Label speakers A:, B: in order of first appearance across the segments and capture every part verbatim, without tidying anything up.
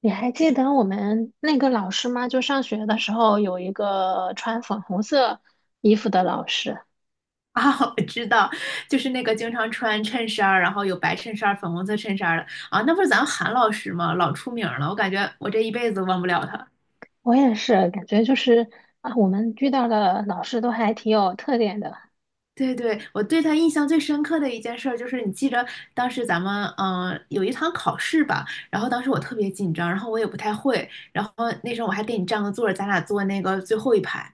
A: 你还记得我们那个老师吗？就上学的时候有一个穿粉红色衣服的老师，
B: 啊，我知道，就是那个经常穿衬衫儿，然后有白衬衫儿、粉红色衬衫儿的啊，那不是咱们韩老师吗？老出名儿了，我感觉我这一辈子都忘不了他。
A: 我也是感觉就是啊，我们遇到的老师都还挺有特点的。
B: 对对，我对他印象最深刻的一件事儿就是，你记着当时咱们嗯、呃有一堂考试吧，然后当时我特别紧张，然后我也不太会，然后那时候我还给你占个座儿，咱俩坐那个最后一排，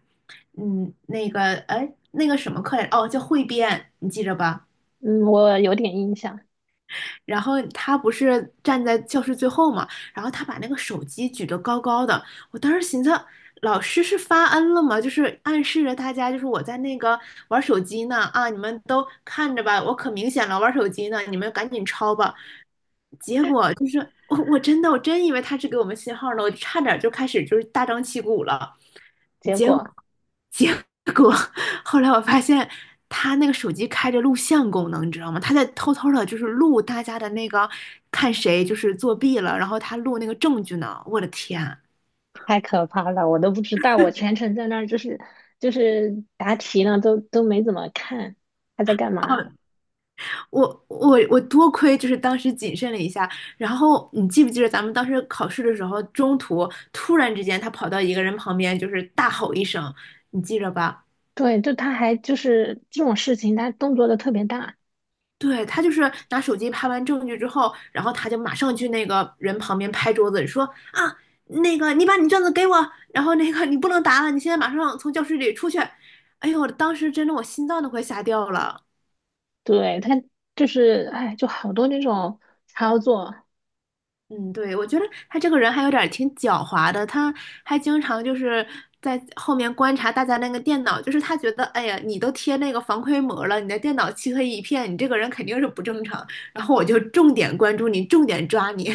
B: 嗯，那个哎那个什么课来着哦，叫汇编，你记着吧？
A: 嗯，我有点印象。
B: 然后他不是站在教室最后嘛，然后他把那个手机举得高高的，我当时寻思，老师是发恩了吗？就是暗示着大家，就是我在那个玩手机呢啊，你们都看着吧，我可明显了，玩手机呢，你们赶紧抄吧。结果就是我我真的我真以为他是给我们信号呢，我差点就开始就是大张旗鼓了。
A: 结
B: 结果
A: 果
B: 结果后来我发现他那个手机开着录像功能，你知道吗？他在偷偷的，就是录大家的那个看谁就是作弊了，然后他录那个证据呢。我的天啊！
A: 太可怕了，我都不知道，我全程在那儿就是就是答题呢，都都没怎么看他在干嘛。
B: 哦，我我我多亏就是当时谨慎了一下，然后你记不记得咱们当时考试的时候，中途突然之间他跑到一个人旁边，就是大吼一声，你记着吧？
A: 对，就他还就是这种事情，他动作都特别大。
B: 对，他就是拿手机拍完证据之后，然后他就马上去那个人旁边拍桌子说啊，那个你把你卷子给我，然后那个你不能答了，你现在马上从教室里出去。哎呦，当时真的我心脏都快吓掉了。
A: 对，他就是，哎，就好多那种操作。
B: 嗯，对，我觉得他这个人还有点儿挺狡猾的，他还经常就是在后面观察大家那个电脑，就是他觉得，哎呀，你都贴那个防窥膜了，你的电脑漆黑一片，你这个人肯定是不正常，然后我就重点关注你，重点抓你。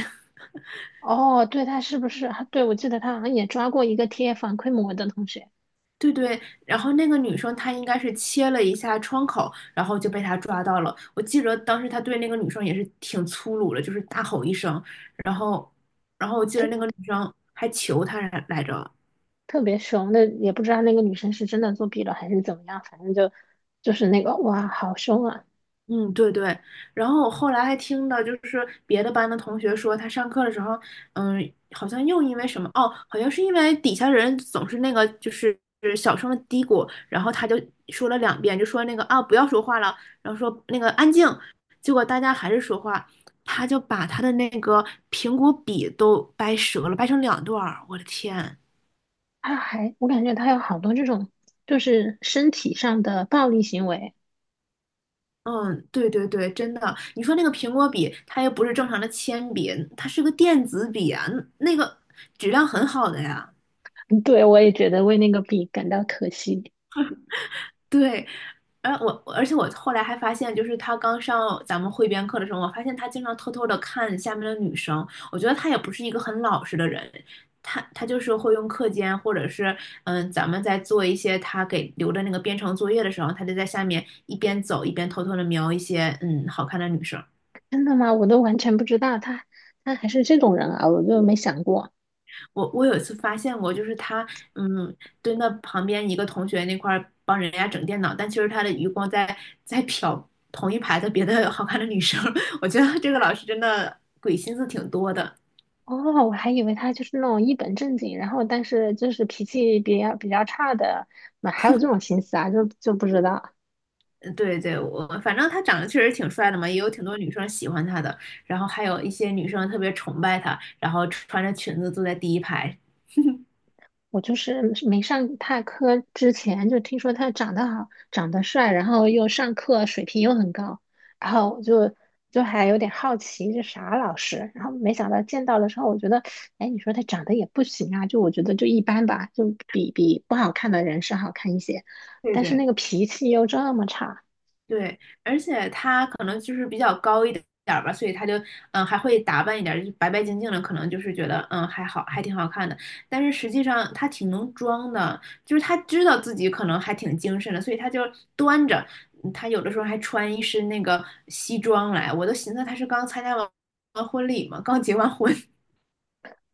A: 哦，对，他是不是？对，我记得他好像也抓过一个贴反馈膜的同学，
B: 对对，然后那个女生她应该是切了一下窗口，然后就被他抓到了。我记得当时他对那个女生也是挺粗鲁的，就是大吼一声，然后，然后我记得
A: 特
B: 那个女生还求他来着。
A: 特别凶的，也不知道那个女生是真的作弊了还是怎么样，反正就就是那个哇，好凶啊！
B: 嗯，对对，然后我后来还听到，就是别的班的同学说，他上课的时候，嗯，好像又因为什么，哦，好像是因为底下人总是那个，就是就是小声的嘀咕，然后他就说了两遍，就说那个啊，不要说话了，然后说那个安静，结果大家还是说话，他就把他的那个苹果笔都掰折了，掰成两段儿，我的天！
A: 他还我感觉他有好多这种就是身体上的暴力行为。
B: 嗯，对对对，真的。你说那个苹果笔，它又不是正常的铅笔，它是个电子笔啊，那个质量很好的呀。
A: 嗯对，我也觉得为那个笔感到可惜。
B: 对，而我而且我后来还发现，就是他刚上咱们汇编课的时候，我发现他经常偷偷的看下面的女生。我觉得他也不是一个很老实的人，他他就是会用课间或者是嗯，咱们在做一些他给留的那个编程作业的时候，他就在下面一边走一边偷偷的瞄一些嗯好看的女生。
A: 真的吗？我都完全不知道他他还是这种人啊，我就没想过。
B: 我我有一次发现过，就是他，嗯，蹲到旁边一个同学那块儿帮人家整电脑，但其实他的余光在在瞟同一排的别的好看的女生。我觉得这个老师真的鬼心思挺多的。
A: 哦，我还以为他就是那种一本正经，然后但是就是脾气比较比较差的，那还有这种心思啊？就就不知道。
B: 嗯对对，我反正他长得确实挺帅的嘛，也有挺多女生喜欢他的，然后还有一些女生特别崇拜他，然后穿着裙子坐在第一排。
A: 我就是没上他课之前就听说他长得好，长得帅，然后又上课水平又很高，然后我就就还有点好奇这啥老师，然后没想到见到了之后，我觉得，哎，你说他长得也不行啊，就我觉得就一般吧，就比比不好看的人是好看一些，
B: 对
A: 但是
B: 对。
A: 那个脾气又这么差。
B: 对，而且他可能就是比较高一点儿吧，所以他就嗯还会打扮一点儿，就是白白净净的，可能就是觉得嗯还好，还挺好看的。但是实际上他挺能装的，就是他知道自己可能还挺精神的，所以他就端着，嗯他有的时候还穿一身那个西装来，我都寻思他是刚参加完完婚礼嘛，刚结完婚。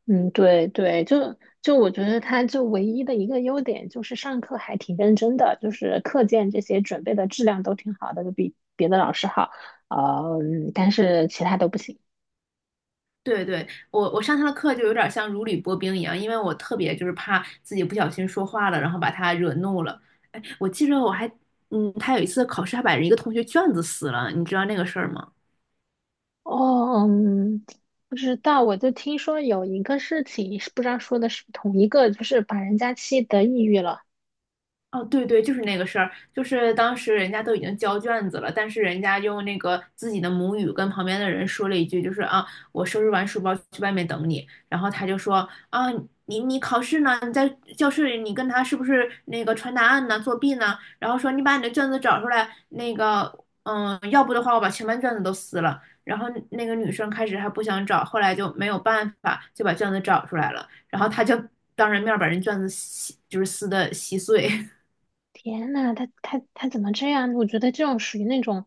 A: 嗯，对对，就就我觉得他就唯一的一个优点就是上课还挺认真的，就是课件这些准备的质量都挺好的，就比别的老师好。呃，嗯但是其他都不行。
B: 对对，我我上他的课就有点像如履薄冰一样，因为我特别就是怕自己不小心说话了，然后把他惹怒了。哎，我记着我还，嗯，他有一次考试还把人一个同学卷子撕了，你知道那个事儿吗？
A: 哦，嗯，不知道，我就听说有一个事情，是不知道说的是不是同一个，就是把人家气得抑郁了。
B: 哦，对对，就是那个事儿，就是当时人家都已经交卷子了，但是人家用那个自己的母语跟旁边的人说了一句，就是啊，我收拾完书包去外面等你，然后他就说啊，你你考试呢？你在教室里，你跟他是不是那个传答案呢？作弊呢？然后说你把你的卷子找出来，那个嗯，要不的话我把全班卷子都撕了。然后那个女生开始还不想找，后来就没有办法，就把卷子找出来了，然后他就当着面把人卷子撕，就是撕的稀碎。
A: 天呐，他他他怎么这样？我觉得这种属于那种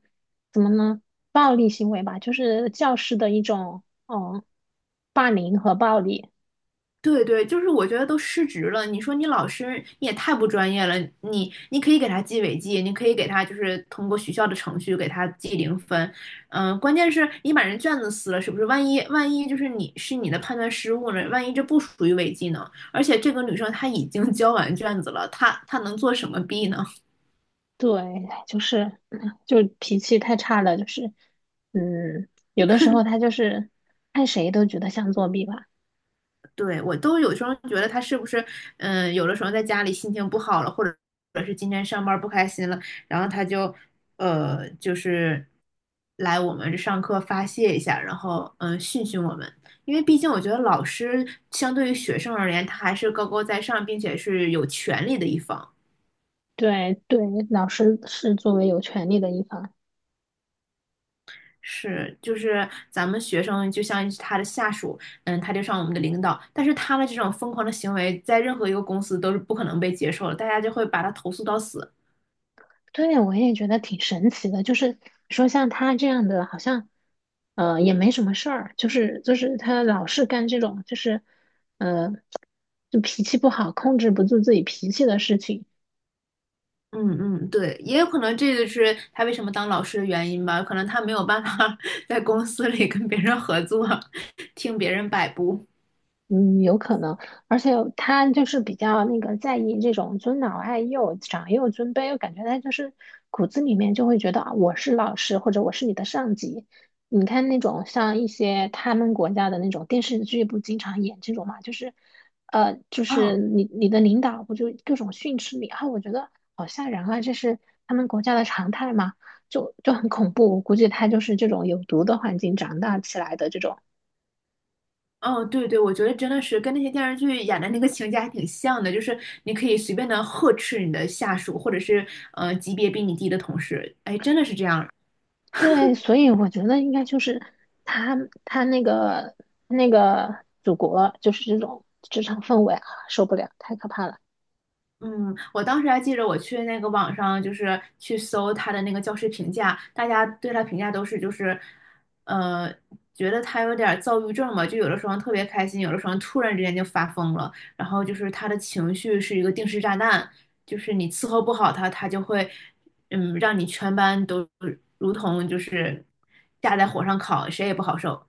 A: 怎么呢？暴力行为吧，就是教师的一种嗯霸凌和暴力。
B: 对对，就是我觉得都失职了。你说你老师你也太不专业了，你你可以给他记违纪，你可以给他就是通过学校的程序给他记零分，嗯、关键是你把人卷子撕了，是不是？万一万一就是你是你的判断失误了，万一这不属于违纪呢？而且这个女生她已经 交完卷子了，她她能做什么弊呢？
A: 对，就是嗯就脾气太差了，就是嗯，有的时候他就是看谁都觉得像作弊吧。
B: 对，我都有时候觉得他是不是，嗯，有的时候在家里心情不好了，或者或者是今天上班不开心了，然后他就，呃，就是来我们这上课发泄一下，然后嗯训训我们，因为毕竟我觉得老师相对于学生而言，他还是高高在上，并且是有权利的一方。
A: 对对，老师是作为有权利的一方。
B: 是，就是咱们学生就像他的下属，嗯，他就像我们的领导，但是他的这种疯狂的行为，在任何一个公司都是不可能被接受的，大家就会把他投诉到死。
A: 对，我也觉得挺神奇的。就是说像他这样的，好像呃也没什么事儿，就是就是他老是干这种就是呃就脾气不好、控制不住自己脾气的事情。
B: 嗯嗯，对，也有可能这个是他为什么当老师的原因吧，可能他没有办法 在公司里跟别人合作，听别人摆布。
A: 嗯，有可能，而且他就是比较那个在意这种尊老爱幼、长幼尊卑，我感觉他就是骨子里面就会觉得啊，我是老师或者我是你的上级。你看那种像一些他们国家的那种电视剧，不经常演这种嘛，就是，呃，就是
B: 哦
A: 你你的领导不就各种训斥你啊？我觉得好吓人啊，这是他们国家的常态嘛，就就很恐怖。我估计他就是这种有毒的环境长大起来的这种。
B: 哦，对对，我觉得真的是跟那些电视剧演的那个情节还挺像的，就是你可以随便的呵斥你的下属，或者是呃级别比你低的同事，哎，真的是这样。
A: 对，所以我觉得应该就是他他那个那个祖国就是这种职场氛围啊，受不了，太可怕了。
B: 嗯，我当时还记着，我去那个网上就是去搜他的那个教师评价，大家对他评价都是就是，呃，觉得他有点儿躁郁症嘛，就有的时候特别开心，有的时候突然之间就发疯了，然后就是他的情绪是一个定时炸弹，就是你伺候不好他，他就会，嗯，让你全班都如同就是架在火上烤，谁也不好受。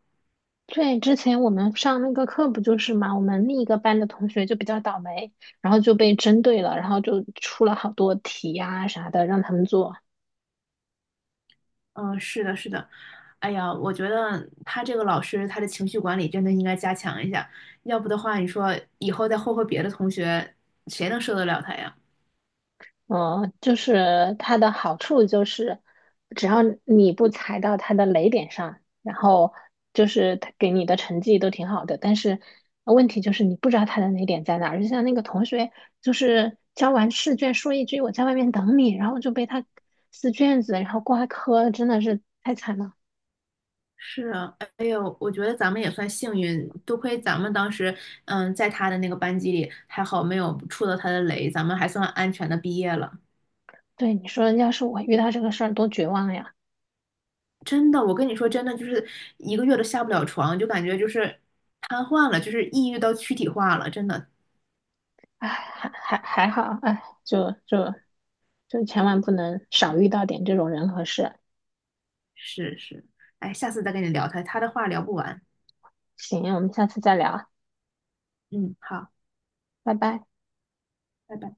A: 对，之前我们上那个课不就是嘛，我们另一个班的同学就比较倒霉，然后就被针对了，然后就出了好多题呀、啥的让他们做。
B: 嗯，是的，是的，哎呀，我觉得他这个老师他的情绪管理真的应该加强一下，要不的话，你说以后再霍霍别的同学，谁能受得了他呀？
A: 嗯，就是它的好处就是，只要你不踩到它的雷点上，然后就是它给你的成绩都挺好的。但是问题就是你不知道它的雷点在哪儿。就像那个同学，就是交完试卷说一句“我在外面等你”，然后就被他撕卷子，然后挂科，真的是太惨了。
B: 是啊，哎呦，我觉得咱们也算幸运，多亏咱们当时，嗯，在他的那个班级里，还好没有触到他的雷，咱们还算安全的毕业了。
A: 对，你说要是我遇到这个事儿，多绝望呀！
B: 真的，我跟你说，真的就是一个月都下不了床，就感觉就是瘫痪了，就是抑郁到躯体化了，真的
A: 哎，还还还好，哎，就就就千万不能少遇到点这种人和事。
B: 是是。哎，下次再跟你聊他，他的话聊不完。
A: 行，我们下次再聊。
B: 嗯，好，
A: 拜拜。
B: 拜拜。